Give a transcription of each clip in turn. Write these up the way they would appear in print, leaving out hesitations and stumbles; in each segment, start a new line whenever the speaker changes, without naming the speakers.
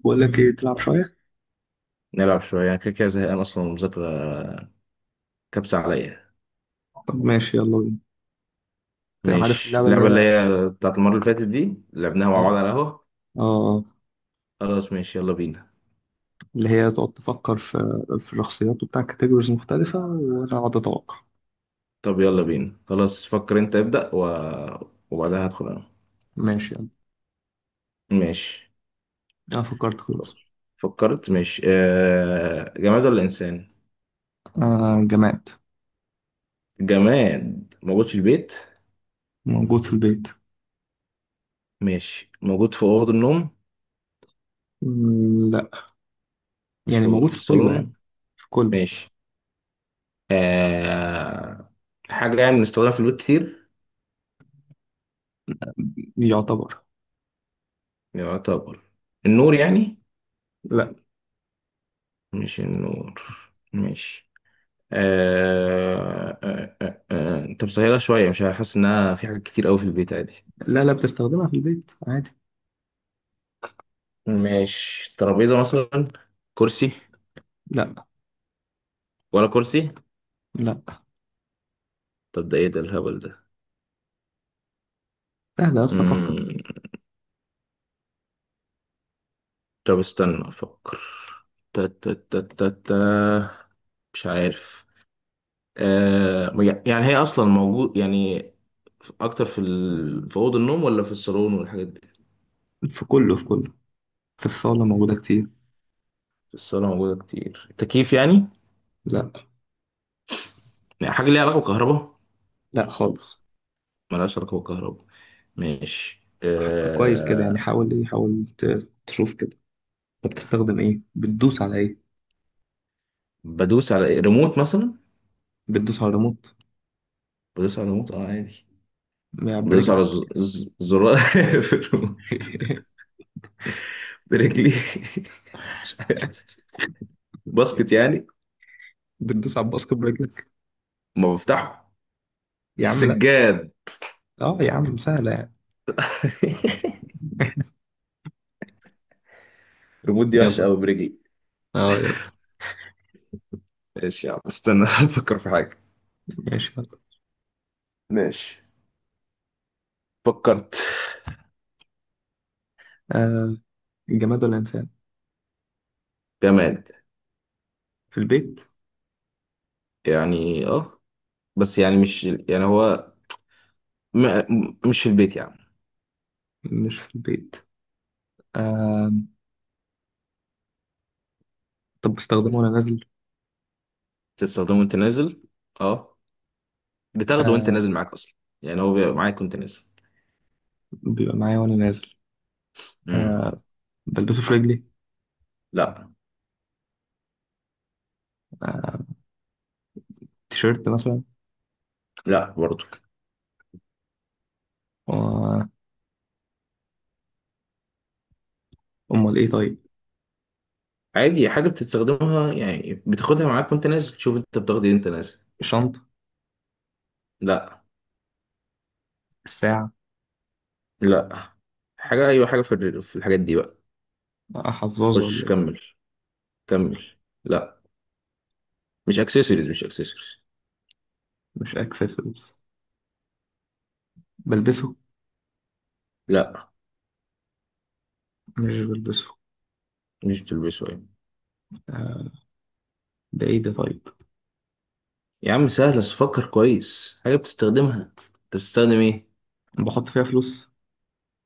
بقول لك ايه تلعب شوية؟
نلعب شوية يعني كده كده زهقان أصلا المذاكرة. كبسة عليا.
طب ماشي يلا بينا. انت عارف
ماشي،
اللعبة
اللعبة اللي هي بتاعت المرة اللي فاتت دي لعبناها مع
اه
بعض على القهوة.
اه
خلاص ماشي يلا بينا.
اللي هي تقعد تفكر في الشخصيات وبتاع كاتيجوريز مختلفة وانا اقعد اتوقع.
طب يلا بينا خلاص، فكر أنت ابدأ وبعدها هدخل أنا.
ماشي يلا.
ماشي.
انا فكرت خلاص.
فكرت؟ ماشي. جماد ولا إنسان؟
آه، جماد
جماد موجود في البيت.
موجود في البيت.
ماشي، موجود في أوضة النوم.
مم، لا.
مش
يعني
في
موجود
في
في كله يعني.
الصالون.
في كله.
ماشي. آه... حاجة يعني بنستخدمها في البيت كتير.
يعتبر.
يعتبر. النور يعني؟
لا.
مش النور. ماشي. انت مسهلة شوية، مش حاسس انها في حاجات كتير قوي في البيت عادي.
لا لا، بتستخدمها في البيت عادي.
ماشي، ترابيزة مثلا. كرسي.
لا
ولا كرسي.
لا،
طب ده ايه ده الهبل ده.
سهلة يا اسطى، فكر.
مم. طب استنى افكر. تا تا تا تا تا. مش عارف. آه... يعني هي اصلا موجود يعني اكتر في في اوضه النوم ولا في الصالون والحاجات دي؟
في كله، في كله. في الصالة موجودة كتير.
في الصاله موجوده كتير، التكييف يعني؟
لا
يعني حاجه ليها علاقه بالكهرباء؟
لا خالص.
ملهاش علاقه بالكهرباء. ماشي
فكر كويس كده، يعني
أه.
حاول، ايه، حاول تشوف كده. انت بتستخدم ايه؟ بتدوس على ايه؟
بدوس على إيه؟ ريموت مثلا.
بتدوس على الريموت،
بدوس على ريموت اه عادي.
يعني
بدوس
برجلك؟
على زرار في الريموت. برجلي. مش عارف. باسكت يعني.
بتدوس على الباسكت برجلك؟
ما بفتحه.
يا عم لا.
سجاد.
اه، يا عم سهلة يعني.
الريموت دي وحشة
يلا.
قوي برجلي.
اه، يلا.
ماشي يا عم استنى افكر في حاجة.
ماشي، يلا.
ماشي. فكرت.
آه. الجماد ولا الإنسان؟
جماد.
في البيت.
يعني اه، بس يعني مش يعني هو مش في البيت يعني.
مش في البيت. آه. طب بستخدمه وأنا نازل.
بتستخدمه وانت نازل؟ اه، بتاخده وانت
آه.
نازل معاك اصلا. يعني هو بيبقى معاك وانت نازل.
بيبقى معايا وأنا نازل.
مم.
آه. بلبسه في رجلي؟
لا.
آه، تيشيرت مثلا؟
لا برضو.
و- أمال إيه طيب؟
عادي، حاجة بتستخدمها يعني بتاخدها معاك وانت نازل. تشوف انت بتاخد ايه انت نازل.
الشنطة؟
لا.
الساعة؟
لا. حاجة. ايوه حاجة في في الحاجات دي بقى.
آه، حظاظة
خش
ولا إيه؟
كمل. كمل. لا، مش اكسسوارز، مش اكسسوارز.
مش أكسسوارز. بلبسه؟
لا.
مش بلبسه؟
مش بتلبسه يعني.
آه، ده ايه ده طيب؟
يا عم سهلة، بس فكر كويس. حاجة بتستخدمها انت. بتستخدم ايه؟
بحط فيها فلوس.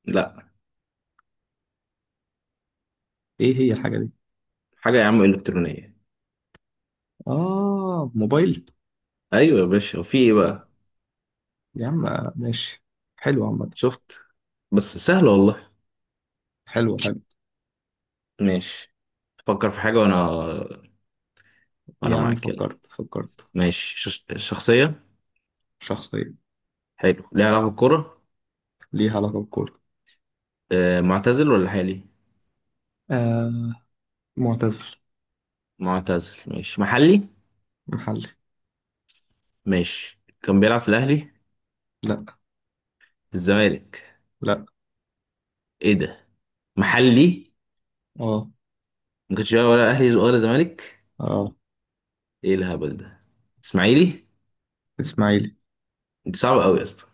لا.
ايه هي الحاجة دي؟
حاجة يا عم الكترونية.
اه، موبايل.
ايوه يا باشا، وفي ايه
طب
بقى؟
يا عم، آه، ماشي. حلو عامة.
شفت؟ بس سهلة والله.
حلو، حلو.
ماشي، فكر في حاجة. وانا
يا عم
معاك يلا.
فكرت، فكرت.
ماشي. شخصية.
شخصية.
حلو، ليه علاقة بالكورة؟
ليها علاقة بالكورة.
آه معتزل ولا حالي؟
آه. معتزل.
معتزل. ماشي، محلي؟
محلي.
ماشي. كان بيلعب في الأهلي؟
لا.
في الزمالك؟
لا.
إيه ده. محلي؟
اه.
ما كانش بيلعب ولا أهلي ولا زمالك؟
اه.
إيه الهبل ده. إسماعيلي؟
اسماعيلي.
أنت صعب أوي يا اسطى.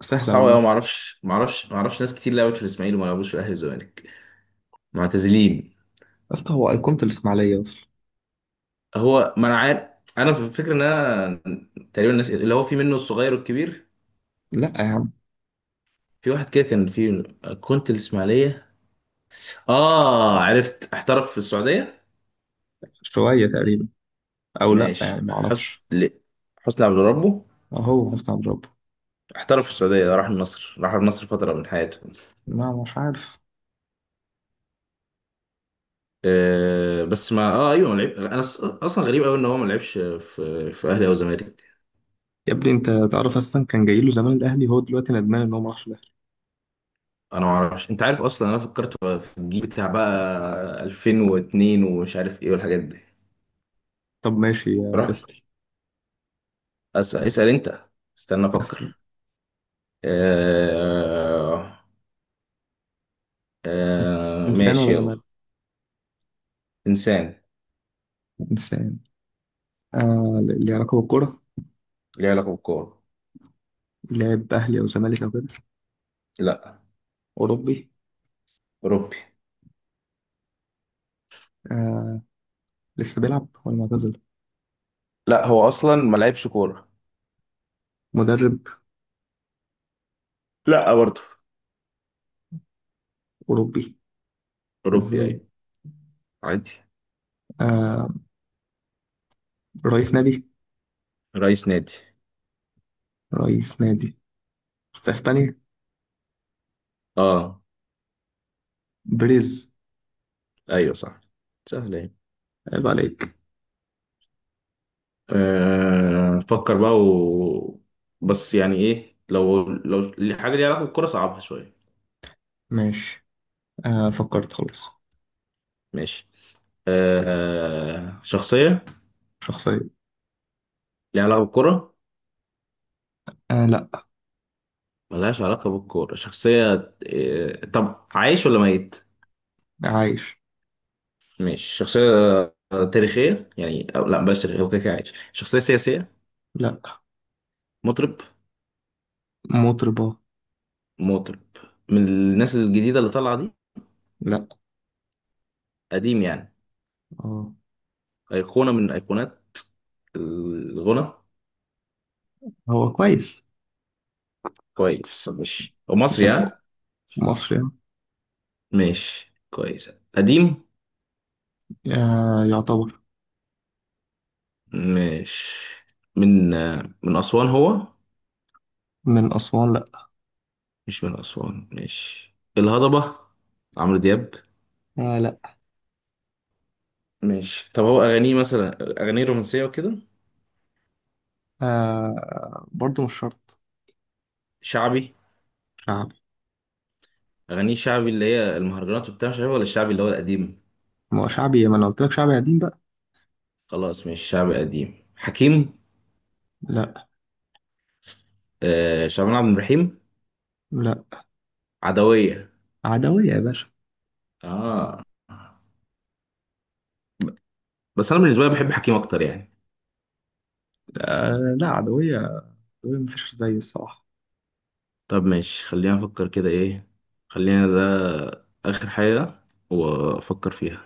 سهلة
صعب
والله.
أوي، معرفش معرفش معرفش. ناس كتير لعبت في الإسماعيلي وما لعبوش في الأهلي والزمالك. معتزلين.
أصل هو أيقونة الإسماعيلية أصلا.
هو ما أنا عارف. أنا في الفكرة إن أنا تقريبا الناس اللي هو في منه، الصغير والكبير.
لا يا عم،
في واحد كده كان في، كنت الإسماعيلية، آه عرفت احترف في السعودية.
شوية تقريبا. أو لا يعني،
ماشي.
معرفش.
حسني عبد ربه.
أهو حسني عبد ربه.
احترف في السعودية، راح النصر، راح النصر فترة من حياته.
لا، مش عارف.
أه بس ما اه ايوه ما لعب. انا اصلا غريب قوي ان هو ما لعبش في اهلي او زمالك.
يا ابني انت تعرف اصلا كان جاي له زمان الاهلي. هو دلوقتي ندمان ان هو ما راحش الأهلي.
انا ما اعرفش، انت عارف اصلا انا فكرت في الجيل بتاع بقى 2002 ومش عارف ايه والحاجات دي.
طب ماشي، يا
راح.
اسأل
اسأل انت. استنى
اسأل.
افكر. أه...
إنسان ولا
ماشي يلا.
جماد؟
انسان.
إنسان. آه، اللي علاقة بالكورة.
ليه علاقة بالكورة؟
لاعب أهلي أو زمالك أو كده؟
لا.
أوروبي.
اوروبي.
آه. لسه بيلعب ولا معتزل؟
لا هو اصلا ما لعبش كورة.
مدرب؟
لا برضه.
أوروبي
أوروبي
إزاي؟
أيوة. عادي.
آه، رئيس نادي.
رئيس نادي.
رئيس نادي في أسبانيا.
أه
بريز.
أيوة صح. سهلة يعني.
عيب عليك.
أه فكر بقى بس يعني إيه، لو الحاجة ليها علاقة بالكورة صعبها شوية.
ماشي. آه، فكرت خلاص.
ماشي. أه شخصية.
شخصية.
ليها علاقة بالكورة؟
آه لأ.
ملهاش علاقة بالكورة. شخصية أه. طب عايش ولا ميت؟
عايش.
ماشي شخصية. آه، تاريخية يعني؟ أو لا بلاش تاريخية، هو كده كده عايش. شخصية سياسية؟
لأ.
مطرب؟
مطربة.
مطرب. من الناس الجديدة اللي طالعة دي؟
لأ.
قديم يعني.
آه.
أيقونة من أيقونات الغنى.
هو كويس.
كويس؟ ماشي. ومصري
يعني هو
ها؟
مصري يعني.
ماشي كويس. قديم.
آه يعتبر.
ماشي. من آه، من أسوان هو؟
من أسوان.
مش من أسوان. ماشي، الهضبة، عمرو دياب.
آه لا.
ماشي، طب هو أغانيه مثلا أغانيه رومانسية وكده؟
آه برضو مش شرط.
شعبي.
شعبي.
أغانيه شعبي اللي هي المهرجانات وبتاع مش عارف، ولا الشعبي اللي هو القديم؟
ما هو شعبي، ما انا قلت لك شعبي قديم بقى.
خلاص، مش شعبي قديم. حكيم.
لا.
آه شعبان عبد الرحيم.
لا.
عدوية.
عدوية يا باشا.
آه، بس أنا بالنسبة لي بحب حكيم أكتر يعني.
آه لا، عدوية. عدوية مفيش زي، الصراحة.
طب ماشي، خلينا افكر كده ايه. خلينا ده اخر حاجة وافكر فيها.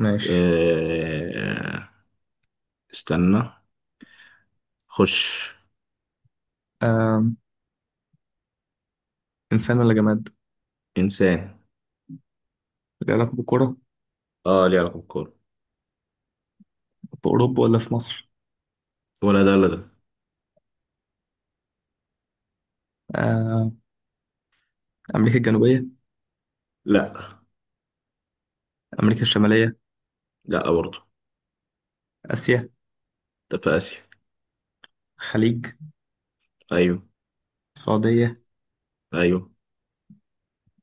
ماشي.
إيه... استنى. خش.
آه. إنسان ولا جماد؟
انسان.
ليه علاقة بالكرة؟
اه ليه علاقة بالكورة.
بأوروبا ولا في مصر؟
ولا ده ولا ده.
آه. أمريكا الجنوبية؟
لا.
أمريكا الشمالية؟
لا برضه.
آسيا؟
ده في اسيا.
خليج؟
ايوه.
السعودية؟
ايوه.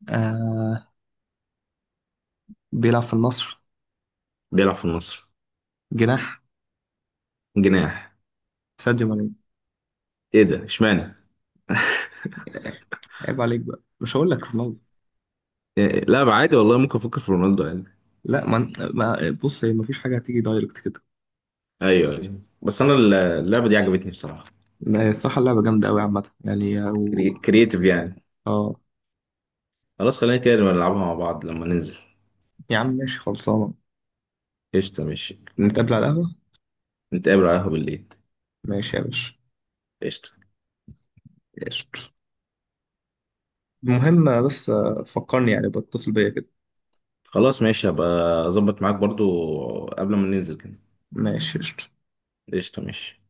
آه. بيلعب في النصر.
بيلعب في النصر.
جناح.
جناح.
ساديو ماني.
ايه ده، اشمعنى؟
عيب عليك بقى، مش هقول لك رونالدو.
لا عادي والله، ممكن افكر في رونالدو عادي.
لا، بص، هي مفيش حاجة هتيجي دايركت كده.
ايوه أيوة. بس انا اللعبة دي عجبتني بصراحة.
لا، هي الصراحة اللعبة جامدة أوي عامة، يعني أو.
كرييتيف يعني.
آه
خلاص، خلينا كده نبقى نلعبها مع بعض لما ننزل.
يا عم، ماشي خلصانة.
قشطة ماشي.
نتقابل على القهوة.
نتقابل على القهوة بالليل.
ماشي يا باشا.
قشطة.
قشطة. المهم بس، آه، فكرني، يعني بتصل بيا كده.
خلاص ماشي، هبقى أظبط معاك برضو قبل ما ننزل كده.
ماشي، قشطة.
قشطة ماشي.